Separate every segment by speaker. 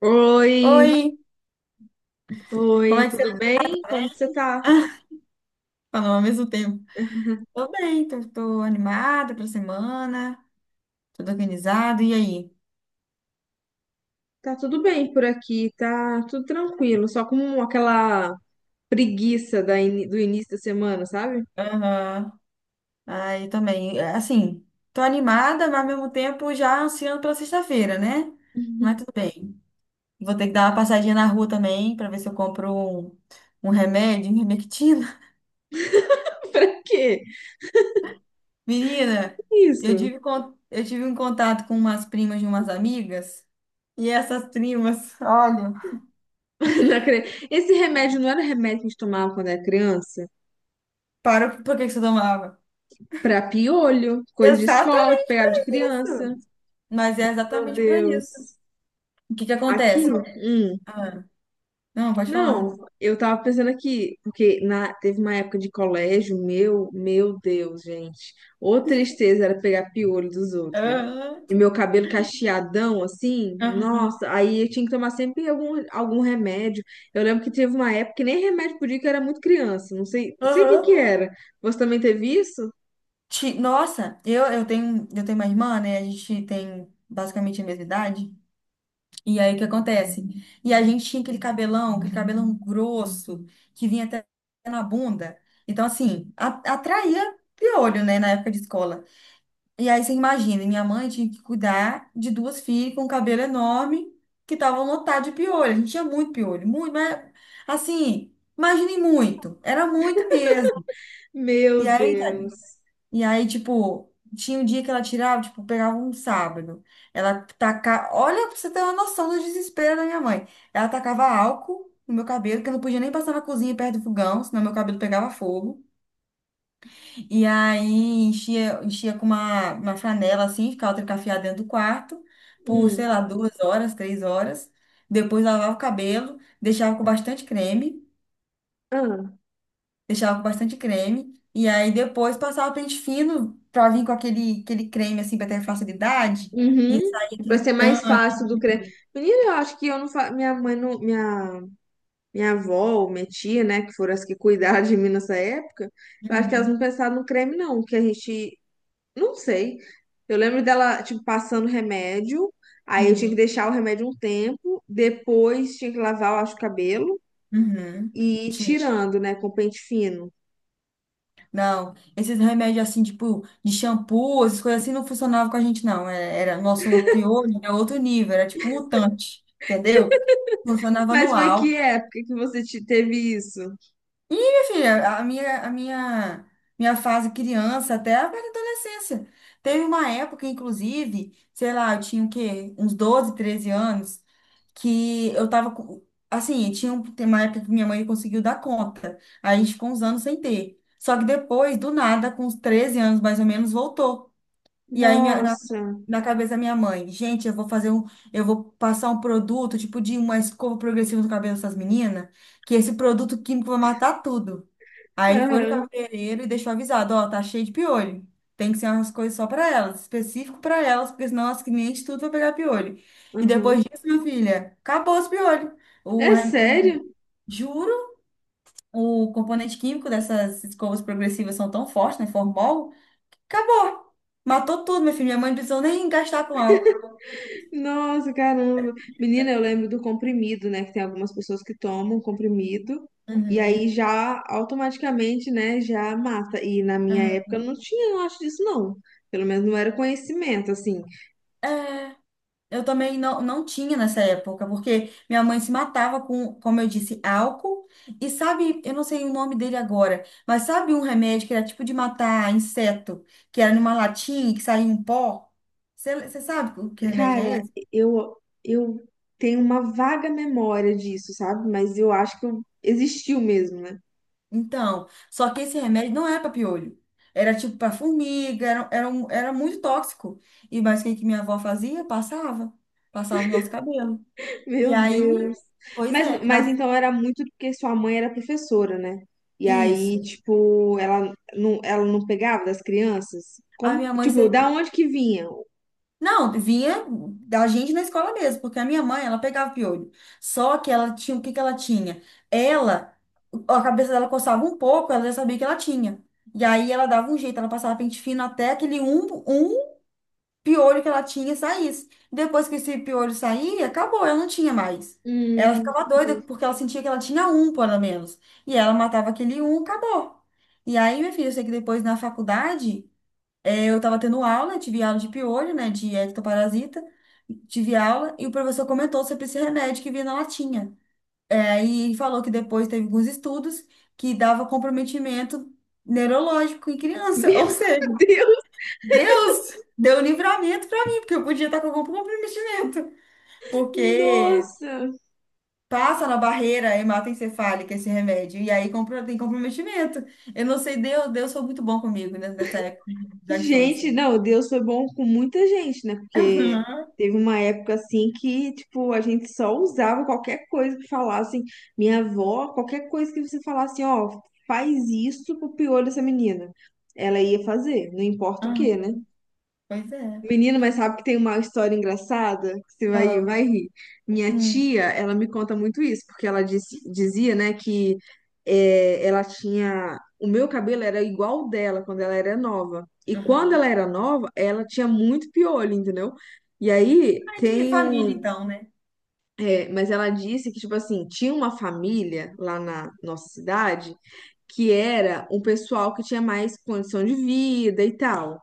Speaker 1: Oi,
Speaker 2: Oi, como
Speaker 1: oi,
Speaker 2: é que
Speaker 1: tudo
Speaker 2: você
Speaker 1: bem? Como que você tá?
Speaker 2: tá? Falou ao mesmo tempo. Tô bem, tô animada pra semana, tudo organizado, e aí?
Speaker 1: Tá tudo bem por aqui, tá tudo tranquilo, só com aquela preguiça da do início da semana, sabe?
Speaker 2: Aham. Aí também, é, assim, tô animada, mas ao mesmo tempo já ansiando pela sexta-feira, né? Mas tudo bem. Vou ter que dar uma passadinha na rua também pra ver se eu compro um remédio, um Remectina.
Speaker 1: Pra quê?
Speaker 2: Menina, eu
Speaker 1: Isso.
Speaker 2: tive, con- eu tive um contato com umas primas de umas amigas, e essas primas, olha,
Speaker 1: Não acre- Esse remédio não era um remédio que a gente tomava quando era criança?
Speaker 2: parou por que que você tomava?
Speaker 1: Pra piolho, coisa de escola
Speaker 2: Exatamente.
Speaker 1: que pegava de criança.
Speaker 2: Isso. Mas é
Speaker 1: Meu
Speaker 2: exatamente para isso.
Speaker 1: Deus.
Speaker 2: O que que acontece?
Speaker 1: Aquilo?
Speaker 2: Ah, não, pode falar.
Speaker 1: Não, eu tava pensando aqui, teve uma época de colégio, meu Deus, gente. Ô tristeza era pegar piolho dos outros.
Speaker 2: Aham,
Speaker 1: E meu cabelo cacheadão, assim,
Speaker 2: aham,
Speaker 1: nossa, aí eu tinha que tomar sempre algum remédio. Eu lembro que teve uma época que nem remédio podia, que eu era muito criança, não sei o que que
Speaker 2: aham.
Speaker 1: era. Você também teve isso?
Speaker 2: Nossa, eu tenho uma irmã, né? A gente tem basicamente a mesma idade. E aí o que acontece? E a gente tinha aquele cabelão grosso, que vinha até na bunda. Então, assim, atraía piolho, né? Na época de escola. E aí você imagina, minha mãe tinha que cuidar de duas filhas com um cabelo enorme que estavam lotadas de piolho. A gente tinha muito piolho, muito, mas assim, imagine muito, era muito mesmo. E
Speaker 1: Meu
Speaker 2: aí, tá-
Speaker 1: Deus.
Speaker 2: e aí, tipo, tinha um dia que ela tirava, tipo, pegava um sábado. Ela tacava, olha, pra você ter uma noção do desespero da minha mãe. Ela tacava álcool no meu cabelo, que eu não podia nem passar na cozinha perto do fogão, senão meu cabelo pegava fogo. E aí enchia com uma franela assim, ficava trancafiada dentro do quarto por,
Speaker 1: Hum.
Speaker 2: sei lá, 2 horas, 3 horas. Depois lavava o cabelo, deixava com bastante creme,
Speaker 1: Ah.
Speaker 2: deixava com bastante creme. E aí depois passava pente fino pra vir com aquele creme assim pra ter facilidade. E
Speaker 1: Uhum.
Speaker 2: saía
Speaker 1: Pra
Speaker 2: aquele
Speaker 1: ser mais
Speaker 2: tanto.
Speaker 1: fácil do cre... Menina, eu acho que eu não fa... minha mãe não, minha minha avó ou minha tia, né, que foram as que cuidaram de mim nessa época, eu acho que elas não
Speaker 2: Uhum,
Speaker 1: pensaram no creme, não, que a gente, não sei. Eu lembro dela, tipo, passando remédio, aí eu tinha que
Speaker 2: uhum,
Speaker 1: deixar o remédio um tempo, depois tinha que lavar, eu acho, o cabelo
Speaker 2: uhum.
Speaker 1: e ir tirando, né, com pente fino.
Speaker 2: Não, esses remédios assim, tipo, de shampoo, essas coisas assim, não funcionavam com a gente, não. Era, nosso piolho, era outro nível, era tipo mutante, entendeu? Funcionava
Speaker 1: Mas
Speaker 2: no
Speaker 1: foi que
Speaker 2: álcool.
Speaker 1: época que você teve isso?
Speaker 2: E, minha filha, minha fase criança até a fase adolescência. Teve uma época, inclusive, sei lá, eu tinha o quê? Uns 12 13 anos, que eu tava com. Assim, tem uma época que minha mãe conseguiu dar conta. Aí a gente ficou uns anos sem ter. Só que depois, do nada, com uns 13 anos mais ou menos, voltou. E aí minha- na,
Speaker 1: Nossa.
Speaker 2: na cabeça da minha mãe, gente, eu vou fazer um. Eu vou passar um produto, tipo de uma escova progressiva no cabelo dessas meninas, que esse produto químico vai matar tudo. Aí foi no
Speaker 1: Aham,
Speaker 2: cabeleireiro e deixou avisado, ó, tá cheio de piolho. Tem que ser umas coisas só pra elas, específico pra elas, porque senão as clientes tudo vai pegar piolho. E
Speaker 1: aham.
Speaker 2: depois disso, minha filha, acabou os piolhos. O,
Speaker 1: É
Speaker 2: rem- o-
Speaker 1: sério?
Speaker 2: Juro, o componente químico dessas escovas progressivas são tão fortes, né? Formol, acabou. Matou tudo, minha filha. Minha mãe não precisou nem gastar com álcool.
Speaker 1: Nossa, caramba. Menina, eu lembro do comprimido, né? Que tem algumas pessoas que tomam comprimido e aí
Speaker 2: Uhum.
Speaker 1: já automaticamente, né, já mata. E na minha
Speaker 2: Uhum.
Speaker 1: época não tinha, eu acho disso não. Pelo menos não era conhecimento, assim.
Speaker 2: É. Eu também não, não tinha nessa época, porque minha mãe se matava com, como eu disse, álcool. E sabe, eu não sei o nome dele agora, mas sabe um remédio que era tipo de matar inseto, que era numa latinha e que saía um pó? Você sabe o que remédio é
Speaker 1: Cara,
Speaker 2: esse?
Speaker 1: eu eu tenho uma vaga memória disso, sabe? Mas eu acho existiu mesmo, né?
Speaker 2: Então, só que esse remédio não é para piolho. Era tipo para formiga, era muito tóxico. E mas o que que minha avó fazia? Passava. Passava no nosso cabelo. E
Speaker 1: Meu
Speaker 2: aí,
Speaker 1: Deus.
Speaker 2: pois
Speaker 1: Mas,
Speaker 2: é,
Speaker 1: mas então era muito porque sua mãe era professora, né? E aí,
Speaker 2: isso.
Speaker 1: tipo, ela não pegava das crianças?
Speaker 2: A
Speaker 1: Como,
Speaker 2: minha mãe
Speaker 1: tipo, da
Speaker 2: sempre.
Speaker 1: onde que vinha?
Speaker 2: Não, vinha da gente na escola mesmo, porque a minha mãe, ela pegava piolho. Só que ela tinha, o que que ela tinha? Ela, a cabeça dela coçava um pouco, ela já sabia que ela tinha. E aí ela dava um jeito, ela passava pente fino até aquele um piolho que ela tinha saísse. Depois que esse piolho saía, acabou, ela não tinha mais. Ela
Speaker 1: Hum.
Speaker 2: ficava doida porque ela sentia que ela tinha um, pelo menos. E ela matava aquele um, acabou. E aí, minha filha, eu sei que depois na faculdade. É, eu estava tendo aula, tive aula de piolho, né, de ectoparasita, tive aula e o professor comentou sobre esse remédio que vinha na latinha. É, e falou que depois teve alguns estudos que dava comprometimento neurológico em criança. Ou
Speaker 1: Meu
Speaker 2: seja,
Speaker 1: Deus!
Speaker 2: Deus deu livramento para mim, porque eu podia estar com algum comprometimento. Porque
Speaker 1: Nossa!
Speaker 2: passa na barreira hematoencefálica esse remédio e aí tem comprometimento. Eu não sei, Deus, Deus foi muito bom comigo, né, nessa época da
Speaker 1: Gente,
Speaker 2: infância.
Speaker 1: não, Deus foi bom com muita gente, né? Porque
Speaker 2: Aham,
Speaker 1: teve uma época assim que, tipo, a gente só usava qualquer coisa que falassem. Minha avó, qualquer coisa que você falasse, ó, faz isso pro piolho dessa menina. Ela ia fazer, não importa o que,
Speaker 2: aham.
Speaker 1: né?
Speaker 2: Pois é.
Speaker 1: Menina, mas sabe que tem uma história engraçada? Você vai,
Speaker 2: Uau.
Speaker 1: vai rir. Minha
Speaker 2: Hum.
Speaker 1: tia, ela me conta muito isso, porque ela dizia, né, ela tinha. O meu cabelo era igual o dela quando ela era nova. E quando
Speaker 2: Aham.
Speaker 1: ela era nova, ela tinha muito piolho, entendeu? E aí
Speaker 2: Ah, de
Speaker 1: tem
Speaker 2: família,
Speaker 1: um.
Speaker 2: então, né?
Speaker 1: É, mas ela disse que, tipo assim, tinha uma família lá na nossa cidade que era um pessoal que tinha mais condição de vida e tal.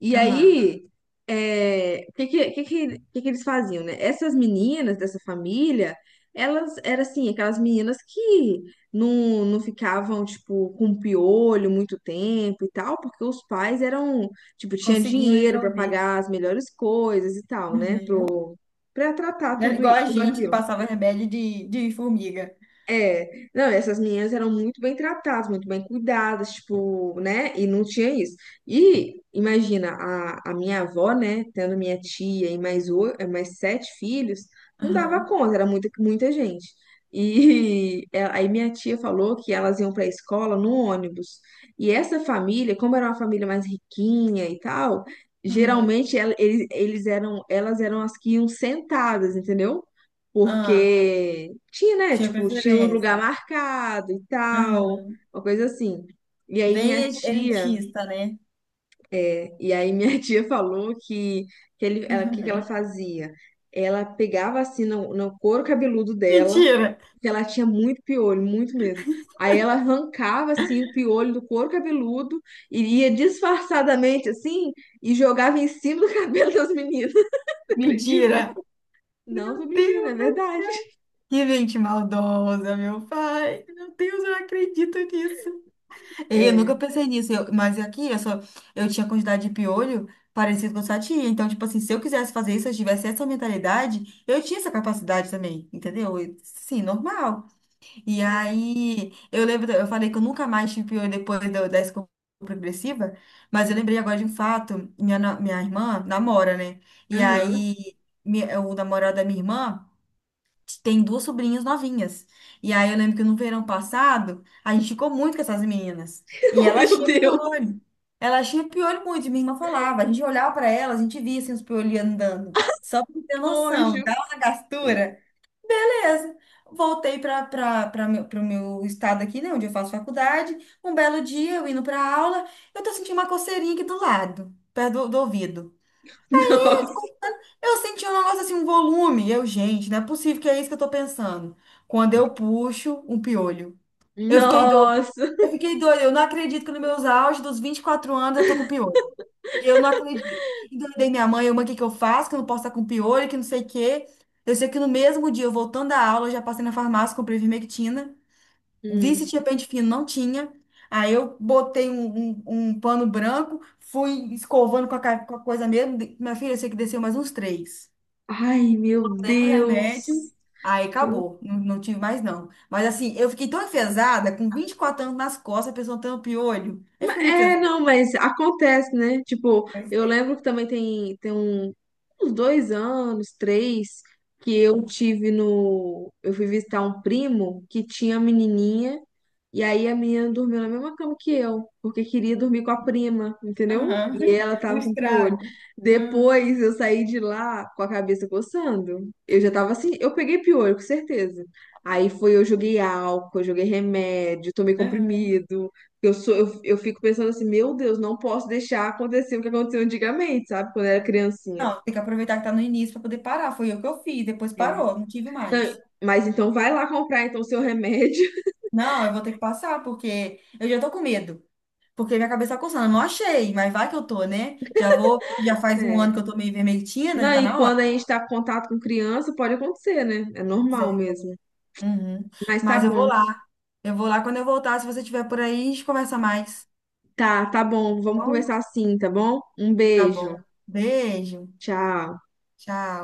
Speaker 1: E
Speaker 2: Aham.
Speaker 1: aí, é, o que, que eles faziam, né? Essas meninas dessa família, elas eram assim, aquelas meninas que não ficavam, tipo, com piolho muito tempo e tal, porque os pais eram, tipo, tinha
Speaker 2: Conseguiam
Speaker 1: dinheiro para
Speaker 2: resolver.
Speaker 1: pagar as melhores coisas e tal, né?
Speaker 2: Uhum.
Speaker 1: Pra tratar
Speaker 2: Né,
Speaker 1: tudo,
Speaker 2: igual a
Speaker 1: tudo
Speaker 2: gente que
Speaker 1: aquilo.
Speaker 2: passava rebelde de formiga.
Speaker 1: É, não, essas meninas eram muito bem tratadas, muito bem cuidadas, tipo, né? E não tinha isso. E imagina, a minha avó, né, tendo minha tia e mais, mais 7 filhos, não dava
Speaker 2: Aham.
Speaker 1: conta, era muita gente. E é, aí minha tia falou que elas iam para a escola no ônibus. E essa família, como era uma família mais riquinha e tal,
Speaker 2: Aham.
Speaker 1: geralmente eles eram, elas eram as que iam sentadas, entendeu?
Speaker 2: Ah,
Speaker 1: Porque tinha, né?
Speaker 2: tinha
Speaker 1: Tipo, tinha um lugar
Speaker 2: preferência.
Speaker 1: marcado e tal,
Speaker 2: Aham.
Speaker 1: uma coisa assim. E aí
Speaker 2: Bem
Speaker 1: minha tia,
Speaker 2: elitista, né?
Speaker 1: é, e aí minha tia falou que, que ela
Speaker 2: Uhum.
Speaker 1: fazia? Ela pegava assim no couro cabeludo dela,
Speaker 2: Mentira!
Speaker 1: que ela tinha muito piolho, muito mesmo. Aí ela arrancava assim o piolho do couro cabeludo, e ia disfarçadamente assim e jogava em cima do cabelo das meninas, acredita?
Speaker 2: Mentira!
Speaker 1: Não, tô
Speaker 2: Meu
Speaker 1: mentindo, é
Speaker 2: Deus,
Speaker 1: verdade.
Speaker 2: que gente maldosa, meu pai. Meu Deus, eu não acredito nisso. É, eu
Speaker 1: É.
Speaker 2: nunca pensei nisso, mas aqui eu só eu tinha quantidade de piolho parecido com a sua tia. Então, tipo assim, se eu quisesse fazer isso, se eu tivesse essa mentalidade, eu tinha essa capacidade também, entendeu? E, sim, normal. E aí, eu lembro, eu falei que eu nunca mais tive piolho depois da escova progressiva, mas eu lembrei agora de um fato, minha irmã namora, né? E
Speaker 1: Aham.
Speaker 2: aí, o namorado da minha irmã tem duas sobrinhas novinhas. E aí eu lembro que no verão passado, a gente ficou muito com essas meninas. E
Speaker 1: Oh,
Speaker 2: elas
Speaker 1: meu
Speaker 2: tinham
Speaker 1: Deus.
Speaker 2: piolho. Elas tinham piolho muito, e minha irmã falava. A gente olhava para elas, a gente via assim, os piolhos andando. Só pra ter noção,
Speaker 1: Nojo.
Speaker 2: dá uma gastura. Beleza. Voltei para o meu estado aqui, né, onde eu faço faculdade. Um belo dia, eu indo para aula, eu tô sentindo uma coceirinha aqui do lado, perto do ouvido.
Speaker 1: Nossa.
Speaker 2: Eu senti um negócio assim, um volume. Gente, não é possível que é isso que eu tô pensando. Quando eu puxo um piolho. Eu fiquei doida.
Speaker 1: Nossa.
Speaker 2: Eu fiquei doida. Eu não acredito que nos meus auges dos 24 anos eu tô com piolho. Eu não acredito. Endoidei minha mãe, o que que eu faço? Que eu não posso estar com piolho, que não sei o quê. Eu sei que no mesmo dia, eu voltando da aula, eu já passei na farmácia, comprei vermectina. Vi se
Speaker 1: Hum.
Speaker 2: tinha pente fino, não tinha. Aí eu botei um pano branco, fui escovando com a coisa mesmo. Minha filha, eu sei que desceu mais uns 3
Speaker 1: Ai, meu
Speaker 2: remédio,
Speaker 1: Deus.
Speaker 2: aí acabou, não, não tive mais não. Mas assim, eu fiquei tão enfesada, com 24 anos nas costas, a pessoa tampa o olho. Eu fiquei muito
Speaker 1: É,
Speaker 2: enfesada.
Speaker 1: não, mas acontece, né? Tipo,
Speaker 2: Mas,
Speaker 1: eu lembro que também tem uns dois anos, três, que eu tive no. Eu fui visitar um primo que tinha menininha. E aí a menina dormiu na mesma cama que eu, porque queria dormir com a prima, entendeu?
Speaker 2: aham.
Speaker 1: E ela
Speaker 2: O
Speaker 1: tava com piolho.
Speaker 2: estrago. Ah,
Speaker 1: Depois eu saí de lá com a cabeça coçando. Eu já tava assim, eu peguei piolho, com certeza. Aí foi, eu joguei álcool, eu joguei remédio, tomei
Speaker 2: aham.
Speaker 1: comprimido. Eu fico pensando assim, meu Deus, não posso deixar acontecer o que aconteceu antigamente, sabe? Quando eu era criancinha.
Speaker 2: Não, tem que aproveitar que tá no início para poder parar. Foi o que eu fiz, depois
Speaker 1: É.
Speaker 2: parou, não tive
Speaker 1: Então,
Speaker 2: mais.
Speaker 1: mas então vai lá comprar então o seu remédio.
Speaker 2: Não, eu vou ter que passar, porque eu já tô com medo. Porque minha cabeça tá coçando. Eu não achei, mas vai que eu tô, né? Já vou, já faz um ano
Speaker 1: É.
Speaker 2: que eu tô meio vermelhinha, né?
Speaker 1: Não,
Speaker 2: Tá
Speaker 1: e
Speaker 2: na hora.
Speaker 1: quando a gente tá em contato com criança, pode acontecer, né? É normal mesmo.
Speaker 2: Uhum.
Speaker 1: Mas tá
Speaker 2: Mas eu vou
Speaker 1: bom.
Speaker 2: lá. Eu vou lá quando eu voltar. Se você estiver por aí, a gente conversa mais.
Speaker 1: Tá, tá bom. Vamos
Speaker 2: Tá bom,
Speaker 1: conversar assim, tá bom? Um
Speaker 2: tá
Speaker 1: beijo.
Speaker 2: bom. Beijo.
Speaker 1: Tchau.
Speaker 2: Tchau.